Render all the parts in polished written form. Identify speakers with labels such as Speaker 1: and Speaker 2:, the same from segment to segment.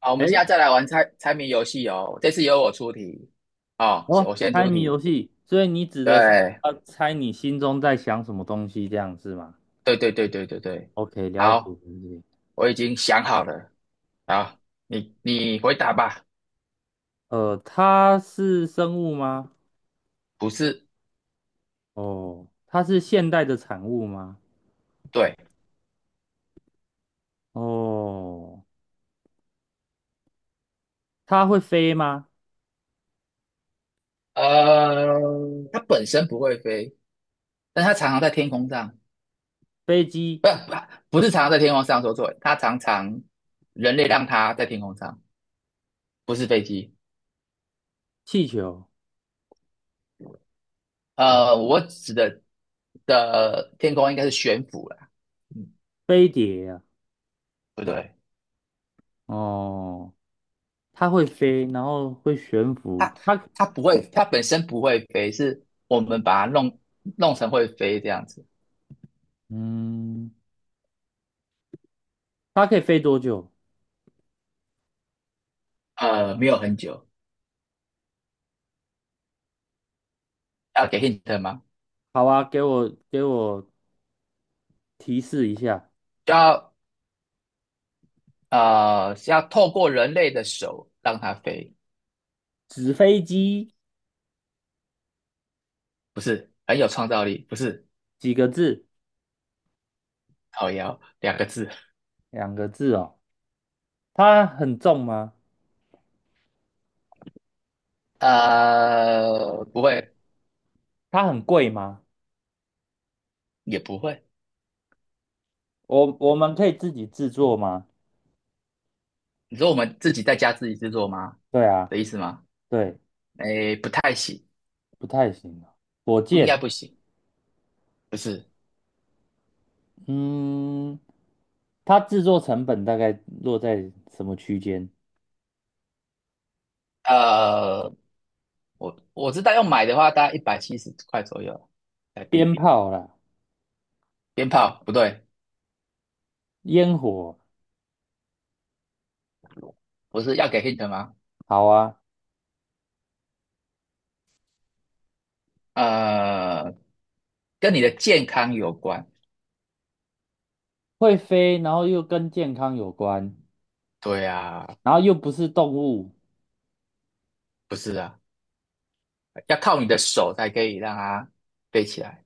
Speaker 1: 好，我
Speaker 2: 哎，
Speaker 1: 们现在再来玩猜猜谜游戏哦。这次由我出题，哦，
Speaker 2: 哦，
Speaker 1: 我先
Speaker 2: 猜
Speaker 1: 出
Speaker 2: 谜游
Speaker 1: 题。
Speaker 2: 戏，所以你指的是
Speaker 1: 对，
Speaker 2: 要猜你心中在想什么东西，这样是吗
Speaker 1: 对对对对对对。
Speaker 2: ？OK，了解
Speaker 1: 好，
Speaker 2: 了解。
Speaker 1: 我已经想好了。好，你回答吧。
Speaker 2: 它是生物吗？
Speaker 1: 不是，
Speaker 2: 哦，它是现代的产物吗？
Speaker 1: 对，
Speaker 2: 哦，它会飞吗？
Speaker 1: 呃，它本身不会飞，但它常常在天空上，
Speaker 2: 飞机、
Speaker 1: 不不是常常在天空上，说错了，它常常人类让它在天空上，不是飞机。
Speaker 2: 气球、
Speaker 1: 我指的的天空应该是悬浮啦，嗯，
Speaker 2: 飞碟啊。
Speaker 1: 不对。
Speaker 2: 哦，它会飞，然后会悬浮。
Speaker 1: 它它不会，它本身不会飞，是我们把它弄成会飞这样子。
Speaker 2: 嗯，它可以飞多久？
Speaker 1: 没有很久，要给 hint 吗？
Speaker 2: 好啊，给我提示一下。
Speaker 1: 就要是要透过人类的手让它飞，
Speaker 2: 纸飞机
Speaker 1: 不是很有创造力，不是
Speaker 2: 几个字？
Speaker 1: 靠腰两个字，
Speaker 2: 两个字哦，它很重吗？
Speaker 1: 不会
Speaker 2: 它很贵吗？
Speaker 1: 也不会。
Speaker 2: 我们可以自己制作吗？
Speaker 1: 你说我们自己在家自己制作吗？
Speaker 2: 对啊，
Speaker 1: 的意思吗？
Speaker 2: 对，
Speaker 1: 诶，不太行，
Speaker 2: 不太行啊。火
Speaker 1: 不应该
Speaker 2: 箭，
Speaker 1: 不行，不是。
Speaker 2: 嗯，它制作成本大概落在什么区间？
Speaker 1: 呃，我知道要买的话，大概170块左右台
Speaker 2: 鞭
Speaker 1: 币。
Speaker 2: 炮啦，
Speaker 1: 鞭炮不对，
Speaker 2: 烟火，
Speaker 1: 不是要给 hint 吗？
Speaker 2: 好啊，
Speaker 1: 呃，跟你的健康有关。
Speaker 2: 会飞，然后又跟健康有关，
Speaker 1: 对啊，
Speaker 2: 然后又不是动物，
Speaker 1: 不是啊，要靠你的手才可以让它飞起来。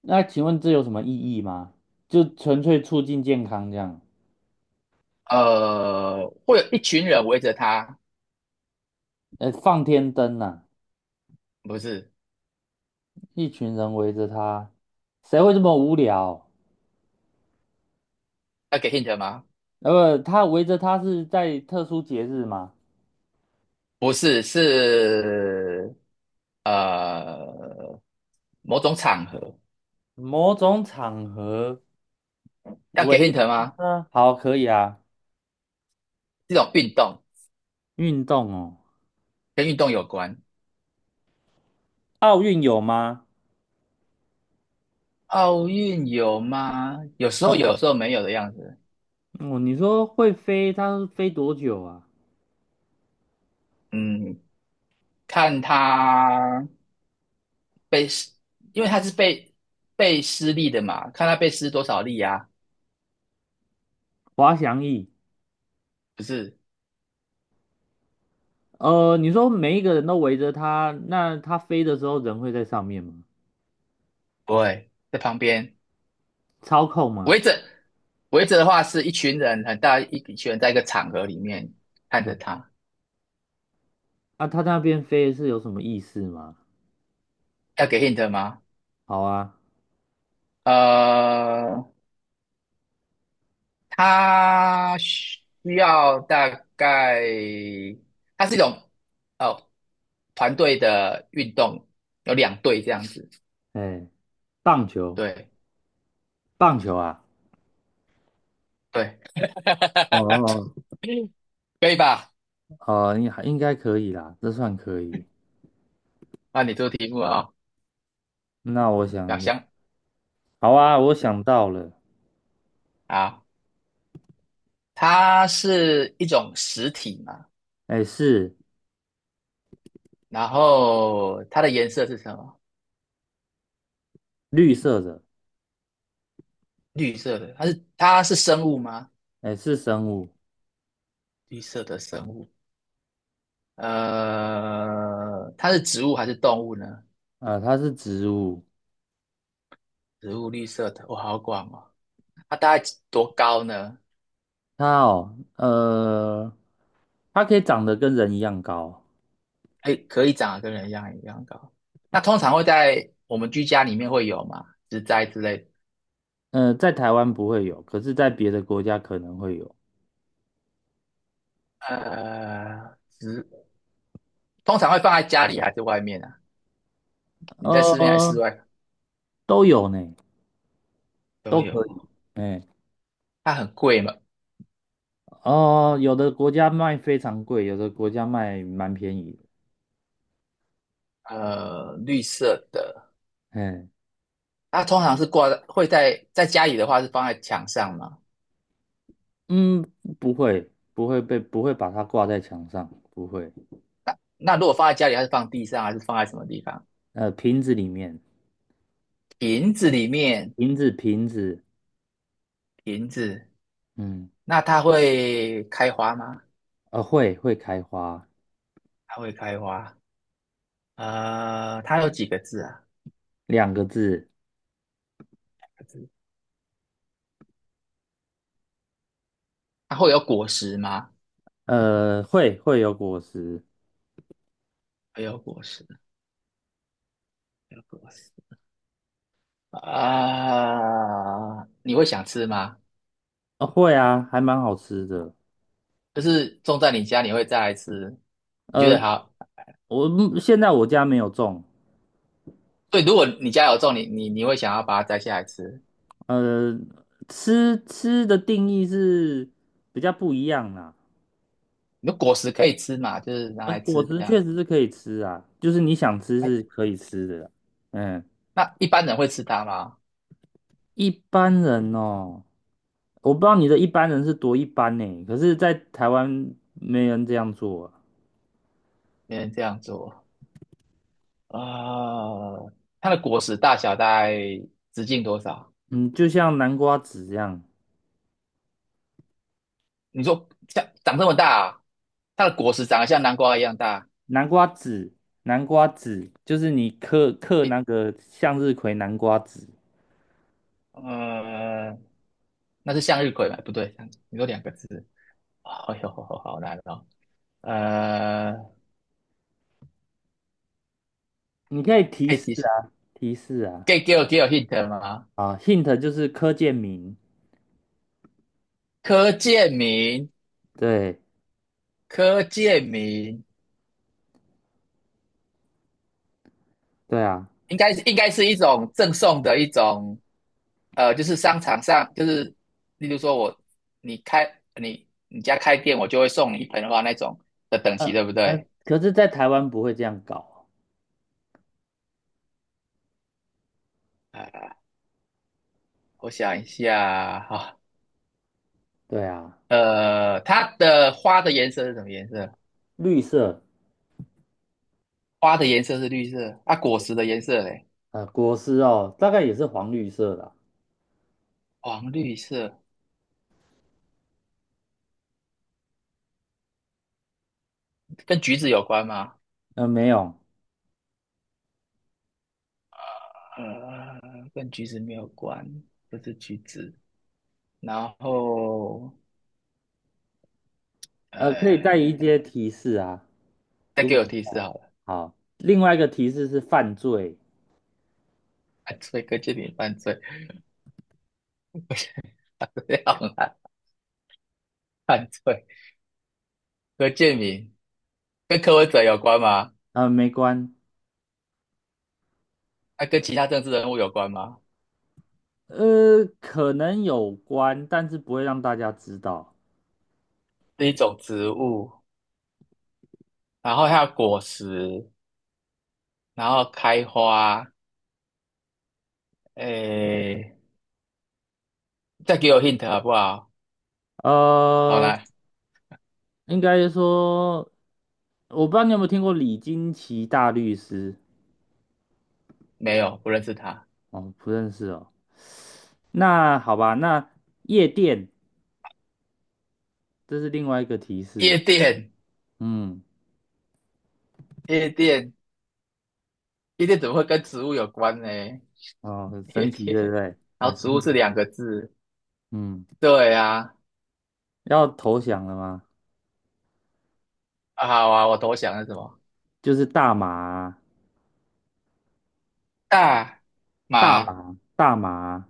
Speaker 2: 那请问这有什么意义吗？就纯粹促进健康这样？
Speaker 1: 会有一群人围着它，
Speaker 2: 放天灯呐、
Speaker 1: 不是
Speaker 2: 一群人围着他，谁会这么无聊？
Speaker 1: 要给 hint 吗？
Speaker 2: 他围着他是在特殊节日吗？
Speaker 1: 不是，是呃某种场合
Speaker 2: 某种场合
Speaker 1: 要
Speaker 2: 围
Speaker 1: 给 hint
Speaker 2: 着
Speaker 1: 吗？
Speaker 2: 他，好，可以啊。
Speaker 1: 这种运动
Speaker 2: 运动哦，
Speaker 1: 跟运动有关。
Speaker 2: 奥运有吗？
Speaker 1: 奥运有吗？有时候有，有时候没有的样子。
Speaker 2: 哦，你说会飞，它飞多久啊？
Speaker 1: 嗯，看他被施，因为他是被施力的嘛，看他被施多少力啊？
Speaker 2: 滑翔翼。
Speaker 1: 不是，
Speaker 2: 你说每一个人都围着他，那他飞的时候人会在上面吗？
Speaker 1: 不会在旁边
Speaker 2: 操控吗？
Speaker 1: 围着的话，是一群人很大一群人在一个场合里面看着
Speaker 2: 哎，
Speaker 1: 他，
Speaker 2: 啊，他那边飞是有什么意思吗？
Speaker 1: 要给 hint 吗？
Speaker 2: 好啊，
Speaker 1: 呃，他需要大概，它是一种哦团队的运动，有两队这样子，
Speaker 2: 哎，棒球，
Speaker 1: 对
Speaker 2: 棒球啊。
Speaker 1: 对，
Speaker 2: 哦，
Speaker 1: 可以吧？
Speaker 2: 应该可以啦，这算可以。
Speaker 1: 那你做题目啊、哦，
Speaker 2: 那我想
Speaker 1: 小
Speaker 2: 一下，
Speaker 1: 香
Speaker 2: 好啊，我想到了，
Speaker 1: 啊，它是一种实体嘛，
Speaker 2: 哎，是
Speaker 1: 然后它的颜色是什么？
Speaker 2: 绿色的，
Speaker 1: 绿色的，它是生物吗？
Speaker 2: 哎，是生物，
Speaker 1: 绿色的生物，它是植物还是动物呢？
Speaker 2: 它是植物，
Speaker 1: 植物绿色的，哇，好广哦。它大概多高呢？
Speaker 2: 它哦，呃，它可以长得跟人一样高，
Speaker 1: 哎，可以长得跟人一样一样高。那通常会在我们居家里面会有嘛，植栽之类的。
Speaker 2: 在台湾不会有，可是在别的国家可能会有，
Speaker 1: 呃，植通常会放在家里还是外面啊？你在室内还是
Speaker 2: 呃，
Speaker 1: 室外？
Speaker 2: 都有呢，
Speaker 1: 都
Speaker 2: 都可以，
Speaker 1: 有。
Speaker 2: 哎，
Speaker 1: 它很贵嘛，
Speaker 2: 哦，有的国家卖非常贵，有的国家卖蛮便宜的，
Speaker 1: 绿色的，
Speaker 2: 哎，
Speaker 1: 它通常是挂在会在家里的话是放在墙上嘛，
Speaker 2: 嗯，不会，不会被，不会把它挂在墙上，不会。
Speaker 1: 那如果放在家里，它是放地上还是放在什么地方？
Speaker 2: 瓶子里面，
Speaker 1: 瓶子里面，
Speaker 2: 瓶子，瓶子，
Speaker 1: 瓶子，
Speaker 2: 嗯，
Speaker 1: 那它会开花吗？
Speaker 2: 会开花，
Speaker 1: 它会开花，它有几个字啊？
Speaker 2: 两个字，
Speaker 1: 它会有果实吗？
Speaker 2: 会有果实，
Speaker 1: 会有果实，会有果实。啊、你会想吃吗？
Speaker 2: 会啊，还蛮好吃的。
Speaker 1: 就是种在你家，你会再来吃？你觉
Speaker 2: 呃，
Speaker 1: 得好？
Speaker 2: 我目现在我家没有种，
Speaker 1: 对，如果你家有种，你会想要把它摘下来吃。
Speaker 2: 呃，吃吃的定义是比较不一样啦。
Speaker 1: 你的果实可以吃嘛，就是拿来吃
Speaker 2: 果
Speaker 1: 这
Speaker 2: 实确
Speaker 1: 样。
Speaker 2: 实是可以吃啊，就是你想吃
Speaker 1: 哎，
Speaker 2: 是可以吃的啦。嗯。
Speaker 1: 那一般人会吃它吗？
Speaker 2: 一般人哦，我不知道你的一般人是多一般呢，可是，在台湾没人这样做啊。
Speaker 1: 没人这样做啊，它的果实大小大概直径多少？
Speaker 2: 嗯，就像南瓜子这样，
Speaker 1: 你说像长这么大啊它的果实长得像南瓜一样大。
Speaker 2: 南瓜子，南瓜子，就是你嗑嗑
Speaker 1: 诶，
Speaker 2: 那个向日葵南瓜籽。
Speaker 1: 呃，那是向日葵吗？不对，你说两个字。哎呦，好难哦。呃，
Speaker 2: 你可以提
Speaker 1: 可以
Speaker 2: 示
Speaker 1: 提，示？
Speaker 2: 啊，提示啊，
Speaker 1: 可以给我 hint 吗？
Speaker 2: 啊，hint 就是柯建铭，
Speaker 1: 柯建明。
Speaker 2: 对，
Speaker 1: 柯建明
Speaker 2: 对啊，
Speaker 1: 应该是一种赠送的一种，就是商场上就是，例如说我你开你家开店，我就会送你一盆花那种的等级，
Speaker 2: 嗯
Speaker 1: 对不
Speaker 2: 嗯，
Speaker 1: 对？
Speaker 2: 可是，在台湾不会这样搞，
Speaker 1: 呃，我想一下哈、
Speaker 2: 对啊，
Speaker 1: 它的花的颜色是什么颜色？
Speaker 2: 绿色，
Speaker 1: 花的颜色是绿色，啊，果实的颜色嘞，
Speaker 2: 果实哦，大概也是黄绿色的啊，
Speaker 1: 黄绿色，跟橘子有关吗？
Speaker 2: 没有。
Speaker 1: 呃，跟橘子没有关，不是橘子。然后，
Speaker 2: 可以带
Speaker 1: 呃，
Speaker 2: 一些提示啊。
Speaker 1: 再
Speaker 2: 如
Speaker 1: 给
Speaker 2: 果
Speaker 1: 我提示好了，
Speaker 2: 好，另外一个提示是犯罪，
Speaker 1: 犯罪，柯建民犯罪，我想这样啊犯罪，柯建民跟柯文哲有关吗？
Speaker 2: 没关，
Speaker 1: 那、跟其他政治人物有关吗？
Speaker 2: 可能有关，但是不会让大家知道。
Speaker 1: 是一种植物，然后它有果实，然后开花，诶，再给我 hint 好不好？好
Speaker 2: 呃，
Speaker 1: 来，
Speaker 2: 应该说，我不知道你有没有听过李金奇大律师？
Speaker 1: 没有，不认识他，
Speaker 2: 哦，不认识哦。那好吧，那夜店，这是另外一个提示。
Speaker 1: 夜店，
Speaker 2: 嗯，
Speaker 1: 夜店，夜店怎么会跟植物有关呢？
Speaker 2: 哦，很
Speaker 1: 夜
Speaker 2: 神奇，
Speaker 1: 店，
Speaker 2: 对不对？
Speaker 1: 然
Speaker 2: 很
Speaker 1: 后
Speaker 2: 神
Speaker 1: 植物
Speaker 2: 奇。
Speaker 1: 是两个字，
Speaker 2: 嗯，
Speaker 1: 对啊，
Speaker 2: 要投降了吗？
Speaker 1: 啊好啊，我投降了什么？
Speaker 2: 就是大麻啊，
Speaker 1: 大
Speaker 2: 大
Speaker 1: 麻
Speaker 2: 麻、大麻、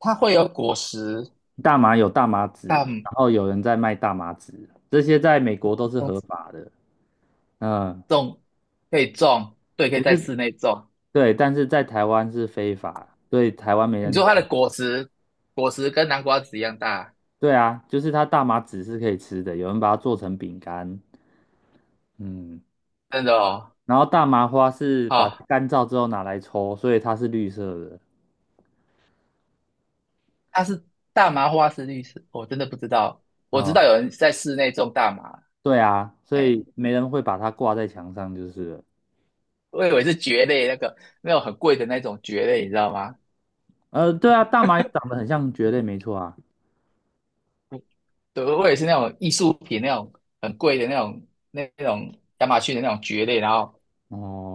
Speaker 1: 它会有果实，
Speaker 2: 大麻有大麻籽，
Speaker 1: 但
Speaker 2: 然后有人在卖大麻籽，这些在美国都是合
Speaker 1: 种
Speaker 2: 法的。嗯，
Speaker 1: 种可以种，对，可以
Speaker 2: 可
Speaker 1: 在
Speaker 2: 是
Speaker 1: 室内种。
Speaker 2: 对，但是在台湾是非法，所以台湾没
Speaker 1: 你
Speaker 2: 人
Speaker 1: 说
Speaker 2: 这
Speaker 1: 它的
Speaker 2: 样。
Speaker 1: 果实，果实跟南瓜子一样大，
Speaker 2: 对啊，就是它大麻籽是可以吃的，有人把它做成饼干。嗯，
Speaker 1: 真的哦。
Speaker 2: 然后大麻花是把它
Speaker 1: 好、
Speaker 2: 干燥之后拿来抽，所以它是绿色的。
Speaker 1: 它是大麻花是绿色，我真的不知道。我知道
Speaker 2: 哦，
Speaker 1: 有人在室内种大麻，
Speaker 2: 对啊，所
Speaker 1: 哎，
Speaker 2: 以没人会把它挂在墙上就是了。
Speaker 1: 我以为是蕨类那个那种很贵的那种蕨类，你知道吗？
Speaker 2: 对啊，大麻也长得很像蕨类，没错啊。
Speaker 1: 对，我也是那种艺术品那种很贵的那种那种亚马逊的那种蕨类，然后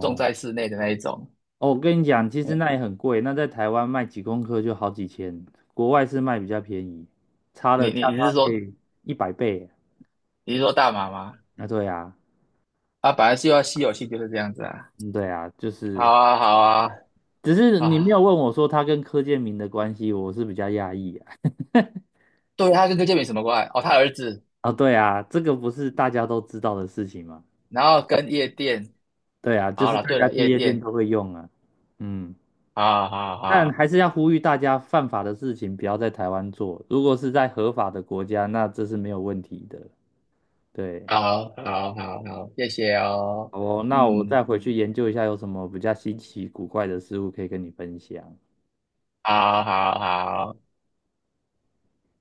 Speaker 1: 种在室内的那一种。
Speaker 2: 哦，我跟你讲，其实那也很贵，那在台湾卖几公克就好几千，国外是卖比较便宜，差
Speaker 1: 你
Speaker 2: 了价
Speaker 1: 你
Speaker 2: 差
Speaker 1: 你是
Speaker 2: 可
Speaker 1: 说
Speaker 2: 以100倍。
Speaker 1: 你是说大麻吗？
Speaker 2: 啊，对啊，
Speaker 1: 啊，本来就要稀有性就是这样子啊。
Speaker 2: 嗯，对啊，就
Speaker 1: 好
Speaker 2: 是，
Speaker 1: 啊，好啊，
Speaker 2: 只是你没有
Speaker 1: 啊，
Speaker 2: 问我说他跟柯建明的关系，我是比较讶异啊。
Speaker 1: 对，他跟柯建铭什么关系？哦，他儿子，
Speaker 2: 啊，对啊，这个不是大家都知道的事情嘛？
Speaker 1: 然后跟夜店。
Speaker 2: 对啊，就
Speaker 1: 好
Speaker 2: 是
Speaker 1: 了，
Speaker 2: 大
Speaker 1: 对
Speaker 2: 家
Speaker 1: 了，
Speaker 2: 去
Speaker 1: 夜
Speaker 2: 夜店
Speaker 1: 店。
Speaker 2: 都会用啊。嗯，
Speaker 1: 好好
Speaker 2: 但
Speaker 1: 好，
Speaker 2: 还是要呼吁大家，犯法的事情不要在台湾做，如果是在合法的国家，那这是没有问题的。对。
Speaker 1: 好好好好，谢谢哦。
Speaker 2: 好哦，那我再
Speaker 1: 嗯，
Speaker 2: 回去研究一下有什么比较稀奇古怪的事物可以跟你分享。
Speaker 1: 好好好。